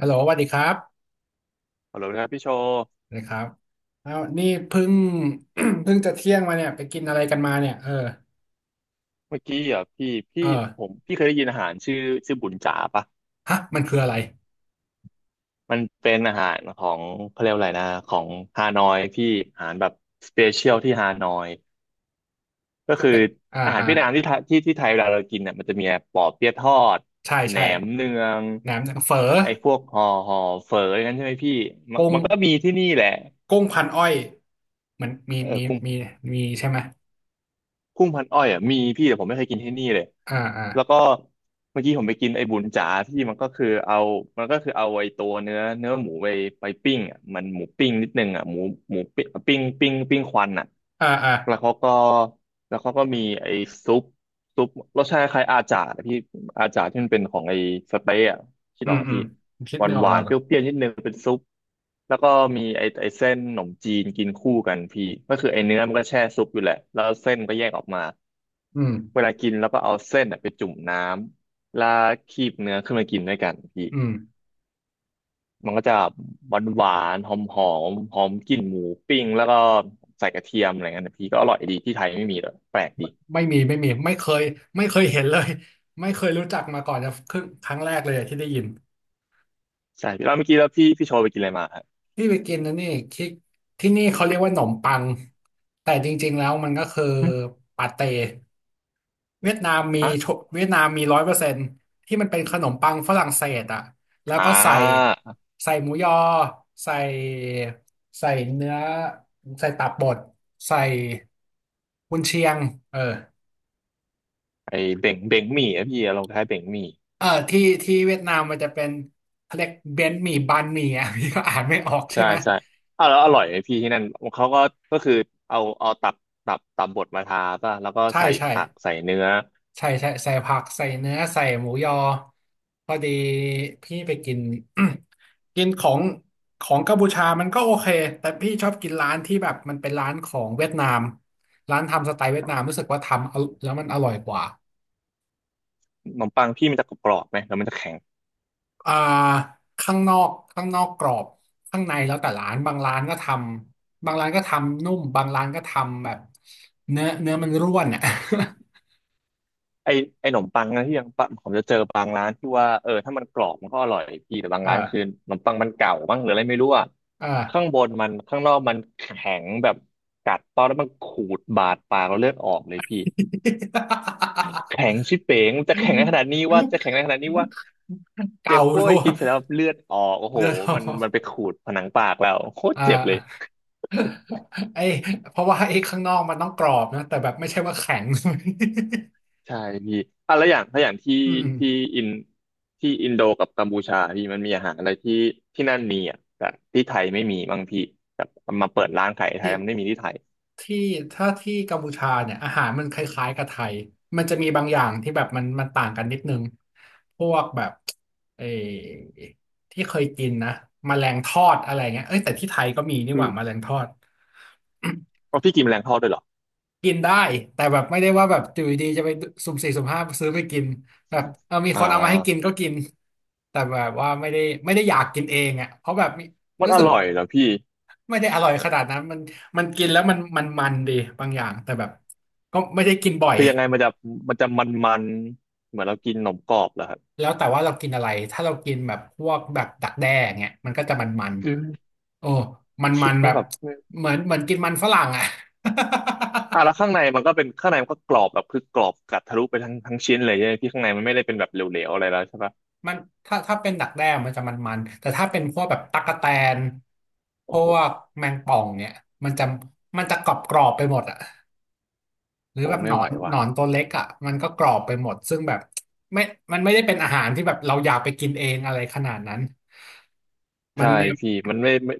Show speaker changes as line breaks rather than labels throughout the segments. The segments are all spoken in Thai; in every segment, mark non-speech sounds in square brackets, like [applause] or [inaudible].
ฮัลโหลสวัสดีครับ
ฮัลโหลนะครับพี่โชว์
สวัสดีครับอ้าวนี่เพิ่ง [coughs] [clears throat] เพิ่งจะเที่ยงมาเนี่ยไปกินอะไรกันมาเนี่ยเออ
เมื่อกี้อ่ะพี่
เอ
พี่
อ
ผมพี่เคยได้ยินอาหารชื่อชื่อบุญจ๋าปะ
ฮะมันคืออะไร
มันเป็นอาหารของเขาเรียกว่าอะไรนะของฮานอยพี่อาหารแบบสเปเชียลที่ฮานอยก็
ต้อง
คือ
ไปอ่า
อาหาร
อ่า
เวียดนามที่ไทยที่ที่ไทยเวลาเรากินเนี่ยมันจะมีปอเปี๊ยะทอด
ใช่
แหน
ใช่
มเนือง
แหนมเฝอ
ไอ้พวกห่อห่อเฝออย่างนั้นใช่ไหมพี่มัน
กุ้ง
มันก็มีที่นี่แหละ
กุ้งพันอ้อยมันมี
เออ
มี
คุณ
มีมีใช่ไหม
กุ้งพันอ้อยอ่ะมีพี่แต่ผมไม่เคยกินที่นี่เลย
อ่าอ่า
แล้วก็เมื่อกี้ผมไปกินไอ้บุญจ๋าที่มันก็คือเอามันก็คือเอาไอ้ตัวเนื้อเนื้อหมูไปไปปิ้งอ่ะมันหมูปิ้งนิดนึงอ่ะหมูหมูปิ้งปิ้งปิ้งปิ้งควันอ่ะ
อ่าอ่า
แล้วเขาก็แล้วเขาก็มีไอ้ซุป ซุปรสชาติคล้ายอาจาร์นะพี่อาจาร์ที่มันเป็นของไอ้สเต๊ะอะที่ด
อื
ออ
ม
กปะ
อืม
พี่
คิด
หวา
ไม่
น
ออ
ห
ก
วา
แล้ว
นเป
อะ
รี้ยวๆนิดนึงเป็นซุปแล้วก็มีไอ้ไอ้เส้นขนมจีนกินคู่กันพี่ก็คือไอ้เนื้อมันก็แช่ซุปอยู่แหละแล้วเส้นก็แยกออกมา
อืม
เวลากินแล้วก็เอาเส้นอะไปจุ่มน้ำแล้วคีบเนื้อขึ้นมากินด้วยกันพี่
อืม
มันก็จะหวานหวานหอมหอมหอมกลิ่นหมูปิ้งแล้วก็ใส่กระเทียมอะไรเงี้ยนะพี่ก็อร่อยดีที่ไทยไม่มีเลยแปลกดี
ไม่มีไม่มีไม่เคยไม่เคยเห็นเลย ไม่เคยรู้จักมาก่อนจะครึ่งครั้งแรกเลยอะที่ได้ยิน
ใช่พี่แล้วเมื่อกี้แล้วพี่พี่โชว์ไปกินอะไรมาฮะ
พี่ไปกินนะนี่ที่ที่นี่เขาเรียกว่าหนมปังแต่จริงๆแล้วมันก็คือ
หึ
ปาเต้เวียดนามมี
อะ
ทุกเวียดนามมีร้อยเปอร์เซ็นต์ที่มันเป็นขนมปังฝรั่งเศสอ่ะแล้ว
อ่
ก็ใส่
า
ใส่หมูยอใส่ใส่เนื้อใส่ตับบดใส่กุนเชียงเออ
ไอเบ่งเบ่งหมี่อะพี่ลคล้ายเบ่งหมี่
เออที่ที่เวียดนามมันจะเป็นเขาเรียกเบนหมี่บันหมี่อ่ะ [laughs] พี่ก็อ่านไม่ออกใช่
ใช่
ไหม
ใช่อ้าวแล้วอร่อยไหมพี่ที่นั่นเขาก็ก็คือเอาเอาตับตับตับบดมาทาป่ะแล้วก็
ใช่
ใส่
ใช่
ผักใส่เนื้อ
ใช่ใช่ใส่ผักใส่เนื้อใส่หมูยอพอดีพี่ไปกิน [coughs] [clears throat] กินของของกัมพูชามันก็โอเคแต่พี่ชอบกินร้านที่แบบมันเป็นร้านของเวียดนามร้านทำสไตล์เวียด
อ้า
นา
ว
มรู้สึกว่าทำเอาแล้วมันอร่อยกว่า
ขนมปังพี่มันจะกรอบไหมแล้วมันจะแข็ง
อ่าข้างนอกข้างนอกกรอบข้างในแล้วแต่ร้านบางร้านก็ทำบางร้านก็ทำนุ่มบางร้านก็ทำแบบเนื้อเนื้อมันร่วน [laughs] อ่ะ [laughs]
ไอไอขนมปังนะที่ยังปะผมจะเจอบางร้านที่ว่าเออถ้ามันกรอบมันก็อร่อยพี่แต่บางร้านคือ
อ่า
ขนมปังมันเก่าบ้างหรืออะไรไม่รู้อะ
อา
ข้างบนมันข้างนอกมันแข็งแบบกัดตอนแล้วมันขูดบาดปากเราเลือดออกเลยพี่ แข็งชิบเป๋งจะแข็งในขนาดนี้ว่าจะแข็งในขนาดนี้ว่า
[laughs] เก่า
เจ็บโว้
ชั
ย
วร์
กินเสร็จแล้วเลือดออกโอ้โห
เรือทอ
มัน
ง
มันไปขูดผนังปากเราโคต
[laughs]
ร
อ่า
เจ็บเลย
ไอ้เพราะว่าไอ้ข้างนอกมันต้องกรอบนะแต่แบบไม่ใช่ว่าแข็ง [laughs]
ใช่พี่อ่ะแล้วอย่างถ้าอย่างที่
อืม
ที่
ๆ
อินที่อินโดกับกัมพูชาพี่มันมีอาหารอะไรที่ที่นั่นมีอ่ะแต่ที่ไทยไม่มีบางพี่แบบมาเปิดร้านขายไท
ที่
ยมันไม่มีที่ไทย
ที่ถ้าที่กัมพูชาเนี่ยอาหารมันคล้ายๆกับไทยมันจะมีบางอย่างที่แบบมันมันต่างกันนิดนึงพวกแบบเออที่เคยกินนะแมลงทอดอะไรเงี้ยเอ้ยแต่ที่ไทยก็มีนี่
คื
ห
อ
ว่าแมลงทอด
เอาพี่กินแมลงทอดด้วยเหรอ
กินได้แต่แบบไม่ได้ว่าแบบอยู่ดีๆจะไปสุ่มสี่สุ่มห้าซื้อไปกินแบบเออมี
อ่
คนเอามาให้กิน
า
ก็กินแต่แบบว่าไม่ได้ไม่ได้อยากกินเองอ่ะเพราะแบบมี
มัน
รู้
อ
สึก
ร่
ว่า
อยเหรอพี่
ไม่ได้อร่อยขนาดนั้นมันมันกินแล้วมันมันมันดีบางอย่างแต่แบบก็ไม่ได้กินบ่อย
คือยังไงมันจะมันจะมันๆเหมือนเรากินขนมกรอบเหรอครับ
แล้วแต่ว่าเรากินอะไรถ้าเรากินแบบพวกแบบดักแด้เงี้ยมันก็จะมันมัน
คือ
โอ้มันมั
คิด
น
แล้
แบ
ว
บ
แบบ
เหมือนเหมือนกินมันฝรั่งอ่ะ
อ่ะแล้ว
[laughs]
ข้างในมันก็เป็นข้างในมันก็กรอบแบบคือกรอบกัดทะลุไปทั้งทั้งชิ้นเลยใช่ไหมพี่ข้างในมันไม่ได้เป็นแบบเหลวๆอะไรแล้วใช่ปะ
มันถ้าถ้าเป็นดักแด้มันจะมันๆแต่ถ้าเป็นพวกแบบตั๊กแตนพ
โอ้โห
วกแมงป่องเนี่ยมันจะมันจะกรอบกรอบไปหมดอะหรือ
โอ้
แบบห
ไม่
นอ
ไหว
นห
ว่ะ
นอนตัวเล็กอะมันก็กรอบไปหมดซึ่งแบบไม่มันไม่ได้เป็นอาหารที่แบบเราอยากไปกินเองอะไรขนาดนั้นมัน
ใช่
มี
พี่มันไม่ไม่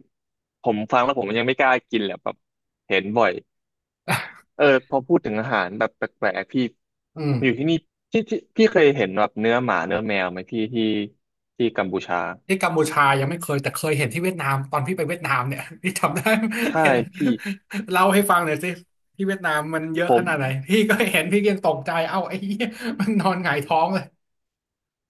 ผมฟังแล้วผมยังไม่กล้ากินแหละแบบเห็นบ่อยเออพอพูดถึงอาหารแบบแปลกๆพี่
อืม
อยู่ที่นี่ที่ที่พี่เคยเห็นแบบเนื้อหมาเนื้อแมวไหมพี่ที่ที่กัมพูชา
ที่กัมพูชายังไม่เคยแต่เคยเห็นที่เวียดนามตอนพี่ไปเวียดนามเนี่ย [laughs] พี่จำได้
ใช่
เห็น
พี่
เล่าให้ฟังหน่อยสิที่เวียดนามมันเยอะ
ผ
ข
ม
นาดไหนพี่ก็เห็นพี่ยังตกใจเอ้าไอ้เหี้ยมันนอนหงายท้องเลย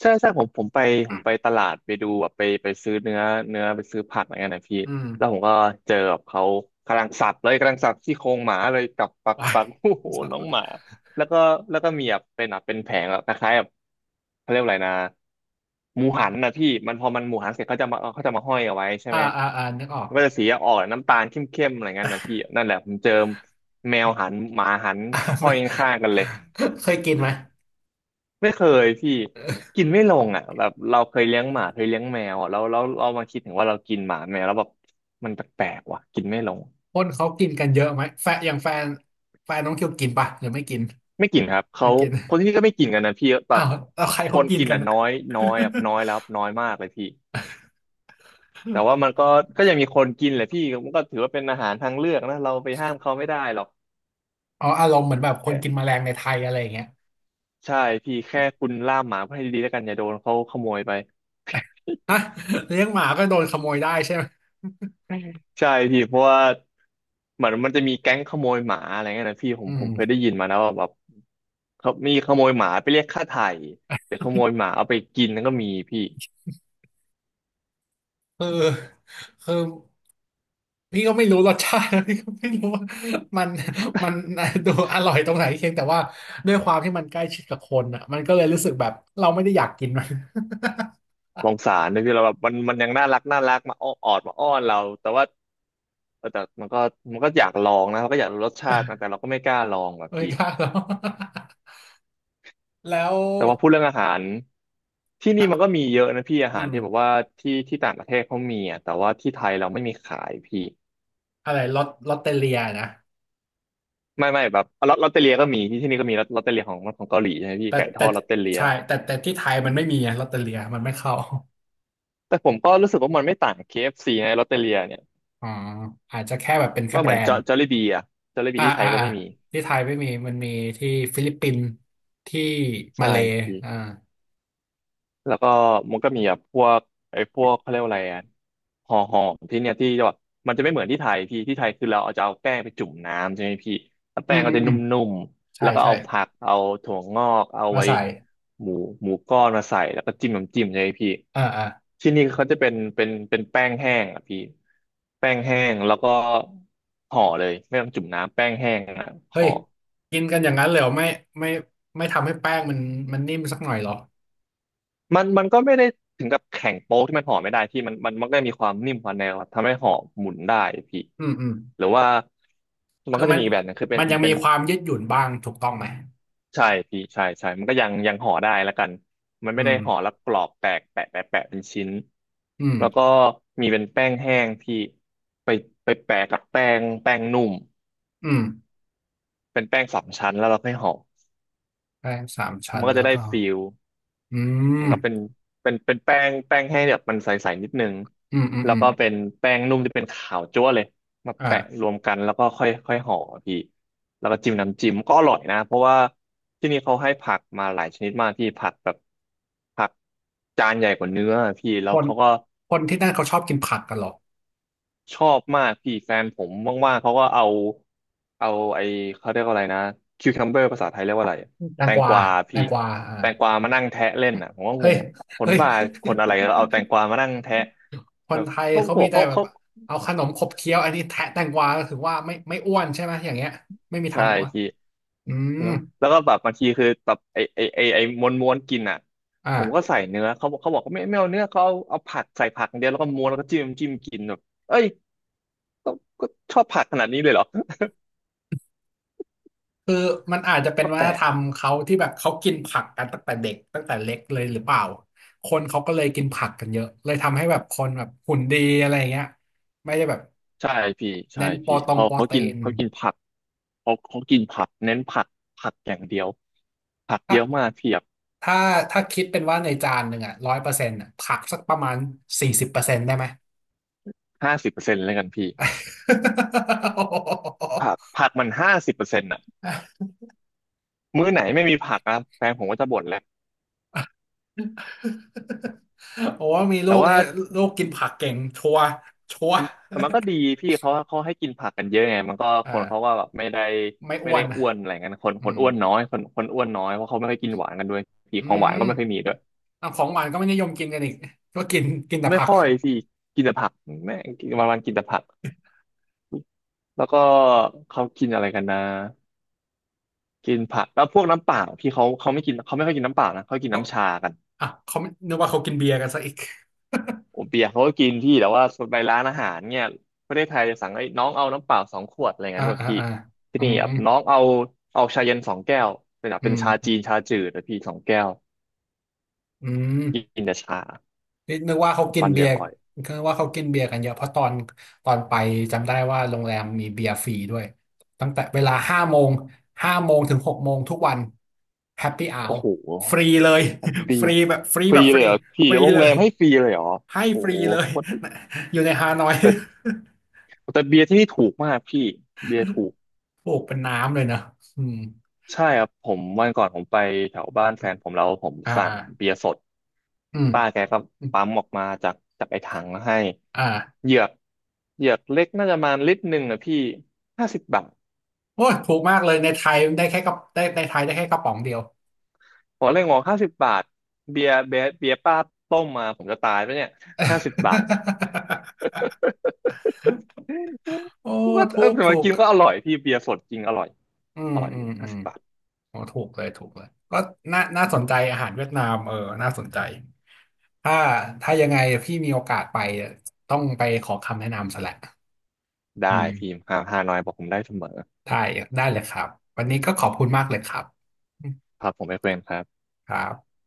ใช่ใช่ผมผมไปผมไปตลาดไปดูแบบไปไปซื้อเนื้อเนื้อไปซื้อผักอะไรเงี้ยนะพี่
อืม
แล้วผมก็เจอแบบเขากำลังสับเลยกำลังสับซี่โครงหมาเลยกับปั
ไป
กปักโอ้โหน้องห
[laughs]
มาแล้วก็แล้วก็มีแบบเป็นแบบเป็นแผงแบบคล้ายๆแบบเขาเรียกว่าอะไรนะหมูหันนะพี่มันพอมันหมูหันเสร็จเขาจะมาเขาจะมาห้อยเอาไว้ใช่
อ่า
ไหม
อ่าอ่านึกออก
มันก็จะ
[laughs]
สีออกน้ำตาลเข้มๆอะไรเงี้ยนะพี่นั่นแหละผมเจอแมวหันหมาหัน
อ่า
ห้อ
ไม่
ยข้างๆกันเลย
เคยกินไหม
ไม่เคยพี่กินไม่ลงอ่ะแบบเราเคยเลี้ยงหมาเคยเลี้ยงแมวอะแล้วแล้วเรามาคิดถึงว่าเรากินหมาแมวแล้วแบบมันแปลกๆว่ะกินไม่ลง
คนเขากินกันเยอะไหมแฟนอย่างแฟน แฟนน้องคิวกินปะหรือไม่กิน
ไม่กินครับเขา
ไม่กิน
คน
[laughs]
ที่นี่ก็ไม่กินกันนะพี่แบ
อ้าว
บ
แล้วใคร
ค
เขา
น
กิน
กิน
กัน
อ่ะ
อะ
น้อย
[laughs]
น้อยแบบน้อยแล้วน้อยมากเลยพี่แต่ว่ามันก็ก็ยังมีคนกินแหละพี่มันก็ถือว่าเป็นอาหารทางเลือกนะเราไปห้ามเขาไม่ได้หรอก
อ๋ออารมณ์เหมือนแบบคนกินแม
แค่
ลงในไทยอะไรอย่างเงี้ย
ใช่พี่แค่คุณล่ามหมาให้ดีๆแล้วกันอย่าโดนเขาขโมยไป
ฮะเลี้ยงหมาก็โดนขโมยได้ใช่ไหม
อืมใช่พี่เพราะว่าเหมือนมันจะมีแก๊งขโมยหมาอะไรเงี้ยนะพี่ผม
อื
ผมเคย
ม
ได้ยินมานะว่าแบบเขามีขโมยหมาไปเรียกค่าไถ่หรือขโมยหมาเอาไปกินนั่นก็มีพี่
คือ คือ พี่ก็ไม่รู้รสชาติ [laughs] พี่ก็ไม่รู้ว่า [laughs] มันมัน [laughs] ดูอร่อยตรงไหนเพียงแต่ว่าด้วยความที่มันใกล้ชิดกับคนอ่ะมันก็เลยรู้สึกแบบเราไม่ได้อยากกินมัน [laughs]
สงสารเลยพี่เราแบบมันยังน่ารักน่ารักมาอ้อนออดมาอ้อนเราแต่ว่าเออแต่มันก็อยากลองนะมันก็อยากรู้รสชาตินะแต่เราก็ไม่กล้าลองว่ะ
ไม่
พี่
กล้าหรอก [laughs] แล้ว
แต่ว่าพูดเรื่องอาหารที่นี่มัน
อ่ะ
ก็มีเยอะนะพี่อา
อื
หาร
ม
ที่แบบว่าที่ต่างประเทศเขามีอ่ะแต่ว่าที่ไทยเราไม่มีขายพี่
อะไรลอตเตอเลียนะ
ไม่แบบลอตลอตเตอเลียก็มีที่นี่ก็มีลอตลอตเตอเลียของเกาหลีใช่ไหมพี่
แต่
ไก่ท
แต่
อดลอตเตอเลีย
ใช่แต่ที่ไทยมันไม่มีอะลอตเตอเลียมันไม่เข้า
แต่ผมก็รู้สึกว่ามันไม่ต่าง KFC นะลอตเตอเลียเนี่ย
[laughs] อ๋ออาจจะแค่แบบเป็นแค่
ว่า
แบ
เหมื
ร
อนจ
น
อ
ด์
จอลลี่บีอะจอลลี่บี
อ่า
ที่ไท
อ่า
ยก็
อ่า
ไม่มี
ที่ไทยไม่มีมันมีที่ฟิลิปปินส์ที่มา
ใช่
เลย์
พี่
อ่า
แล้วก็มันก็มีแบบพวกไอ้พวกเขาเรียกว่าอะไรอ่ะห่อห่อมที่เนี่ยที่แบบมันจะไม่เหมือนที่ไทยพี่ที่ไทยคือเราเอาจะเอาแป้งไปจุ่มน้ำใช่ไหมพี่แล้ว
อื
แป้
ม
งก็
อืม
จะน
อืม
ุ่มๆ
ใช่
แล้วก็
ใช่
เอาผักเอาถั่วงอกเอา
มา
ไอ้
ใส่
หมูหมูก้อนมาใส่แล้วก็จิ้มน้ำจิ้มใช่ไหมพี่
อ่าอ่า
ที่นี่เขาจะเป็นแป้งแห้งอ่ะพี่แป้งแห้งแล้วก็ห่อเลยไม่ต้องจุ่มน้ำแป้งแห้งอ่ะ
เฮ้
ห่
ย
อ
กินกันอย่างนั้นเลยเหรอไม่ไม่ไม่ทำให้แป้งมันมันนิ่มสักหน่อยเหรอ
มันก็ไม่ได้ถึงกับแข็งโป๊กที่มันห่อไม่ได้พี่มันก็มีความนิ่มความแนวครับทำให้ห่อหมุนได้พี่
อืมอืม
หรือว่ามัน
คือ
ก็จะ
มัน
มีอีกแบบหนึงคือเป็น
มันยัง
เป็
มี
น
ความยืดหยุ่นบ้างถูกต้องไหม
ใช่พี่ใช่มันก็ยังห่อได้แล้วกันมัน
อื
ไม่ได้
ม
ห่อแล้วกรอบแตกแปะแปะแปะเป็นชิ้น
อืม
แล้วก็มีเป็นแป้งแห้งพี่ไปไปแปะกับแป้งนุ่ม
อืม
เป็นแป้งสามชั้นแล้วเราค่อยห่อ
แป้งสามชั้
มั
น
นก็จะ
แล้ว
ได้
ก็
ฟิล
อื
มั
ม
นก็เป็นแป้งให้แบบมันใสๆนิดนึง
อืมอืม
แล้
อื
ว
ม
ก็เป็นแป้งนุ่มที่เป็นขาวจั๊วเลยมาแปะ
อ่า
รวมกันแล้วก็ค่อยค่อยห่อพี่แล้วก็จิ้มน้ำจิ้มก็อร่อยนะเพราะว่าที่นี่เขาให้ผักมาหลายชนิดมากพี่ผักแบบผักจานใหญ่กว่าเนื้อพี่แล้
ค
ว
น
เขาก็
คนที่นั่นเขาชอบกินผักกันเหรอ
ชอบมากพี่แฟนผมว่างๆเขาก็เอาเอาไอเขาเรียกว่าอะไรนะคิวคัมเบอร์ภาษาไทยเรียกว่าอะไร
แต
แต
งก
ง
วา
กวา
แต
พี่
งกวาอ่า
แตงกวามานั่งแทะเล่นอ่ะผมก็
เฮ้
ง
ย
งคน
เฮ้ย
บ้าคนอะไรแล้วเอาแตงกวามานั่งแทะ
[laughs] ค
แบ
น
บ
ไทย
ครอบ
เขา
ครัว
มีแต่
เขา
แบบ
เขา
เอาขนมขบเคี้ยวอันนี้แทะแตงกวาก็ถือว่าไม่ไม่อ้วนใช่ไหมอย่างเงี้ยไม่มีทา
ใช่
งอ้วน
พี่
อืม
แล้วแล้วก็แบบบางทีคือแบบไอไอไอไอม้วนกินอ่ะ
อ่า
ผมก็ใส่เนื้อเขาบอกว่าไม่เอาเนื้อเขาเอาผักใส่ผักอย่างเดียวแล้วก็ม้วนแล้วก็จิ้มกินแบบเอ้ยก็ก็ชอบผักขนาดนี้เลยเหรอ
คือมันอาจจะเป็น
ก็
วั
แป
ฒ
ล
นธ
ก
รรมเขาที่แบบเขากินผักกันตั้งแต่เด็กตั้งแต่เล็กเลยหรือเปล่าคนเขาก็เลยกินผักกันเยอะเลยทำให้แบบคนแบบหุ่นดีอะไรอย่างเงี้ยไม่ได้แบบ
ใช่พี่ใช่
เน้นโป
พี่
รตรง
เขา
โปร
เขากิ
ตี
น
น
เขากินผักเขากินผักเน้นผักผักอย่างเดียวผัก
ถ้า
เยอะมากเทียบ
ถ้าถ้าคิดเป็นว่าในจานหนึ่งอ่ะร้อยเปอร์เซ็นต์อ่ะผักสักประมาณ40%ได้ไหม
ห้าสิบเปอร์เซ็นต์แล้วกันพี่ผักมันห้าสิบเปอร์เซ็นต์อ่ะมื้อไหนไม่มีผักนะแฟนผมก็จะบ่นแหละ
[laughs] โอ้ว่า [laughs] มีลู
แต่
ก
ว่า
นี้ลูกกินผักเก่งชัวร์ชัวร์
แต่มันก็ดีพี่เขาให้กินผักกันเยอะไงมันก็
[laughs] อ่า
คนเขาก็แบบ
ไม่
ไม่
อ้ว
ได้
นนะ
อ้วนอะไรเงี้ยคน
อื
คน
ม
อ้วนน้อยคนอ้วนน้อยเพราะเขาไม่ค่อยกินหวานกันด้วยพี่
อื
ของหวา
ม
นก็ไม่ค่อยมีด้วย
เอาของหวานก็ไม่นิยมกินกันอีกก็กินกินแต่
ไม่
ผัก
ค่อยพี่กินแต่ผักแม่งวันกินแต่ผักแล้วก็เขากินอะไรกันนะ กินผักแล้วพวกน้ำเปล่าพี่เขาไม่กินเขาไม่ค่อยกินน้ำเปล่านะเขากิน
เขา
น้ำชากัน
อ่ะเขาไม่นึกว่าเขากินเบียร์กันซะอีก
ผมเปียกเขาก็กินพี่แต่ว่าไปร้านอาหารเนี่ยประเทศไทยจะสั่งไอ้น้องเอาน้ำเปล่าสองขวดอะไร
[laughs] อ่า
เงี้ยด้วย
อ่า
พี่
อ่า
ที่
อื
นี่
ม
แบบน้องเอาเอาชาเย็นสองแก้วเป็นแบบ
อื
เป็นชา
ม
จีนชาจืดแต่พี่สองแก้ว
อืม
กินแต่ชา
นี่นึกว่าเขากิน
ฟันเห
เบี
ลื
ย
อง
ร์
อ่อย
คือว่าเขากินเบียร์กันเยอะ เพราะตอนตอนไปจำได้ว่าโรงแรมมีเบียร์ฟรีด้วย ตั้งแต่เวลาห้าโมงถึง6 โมงทุกวันแฮปปี้อ r ว
โอ้โห
ฟรีเลย
แฮป
[laughs] ฟ
ปี้
รีแบบฟรี
ฟ
แบ
รี
บฟ
เล
รี
ยเหรอพี่
ฟรี
โรง
เล
แร
ย
มให้ฟรีเลยเหรอ
ให้
โอ้
ฟรี
โห
เลย
โคตรดี
[laughs] อยู่ในฮานอย
แต่แต่เบียร์ที่นี่ถูกมากพี่เบียร์ถูก
[laughs] ถูกเป็นน้ำเลยนะอืม
ใช่ครับผมวันก่อนไปแถวบ้านแฟนผมแล้วผม
อ่า
สั่
อ่า
งเบียร์สด
อืม
ป้าแกก็
อืม
ปั๊มออกมาจากไอ้ถังมาให้
อ่า
เหยือกเหยือกเล็กน่าจะประมาณ1 ลิตรนะพี่ห้าสิบบาท
โอ้ยถูกมากเลยในไทยได้แค่กระได้ในไทยได้แค่กระป๋องเดียว
ผมเลยงงห้าสิบบาทเบียร์ป้าต้มมาผมจะตายปะเนี่ยห้าสิบบาท
[laughs] โอ้
[laughs] ว่า
ถู
เออ
ก
แต่มา
ถูก
กินก็อร่อยพี่เบียร์สดจริงอร่อย
อืม
อร่อย
อื
เล
ม
ย
อื
ห้า
ม
สิบบาท
โอ้ถูกเลยถูกเลยก็น่าน่าสนใจอาหารเวียดนามเออน่าสนใจถ้าถ้ายังไงพี่มีโอกาสไปต้องไปขอคำแนะนำซะแหละอื
ได้พี่
ม
ห้าน้อยบอกผมได้เสมอ
ได้ได้เลยครับวันนี้ก็ขอบคุณมากเลยครับอืม
ครับผมไม่เฟรนครับ
ครับ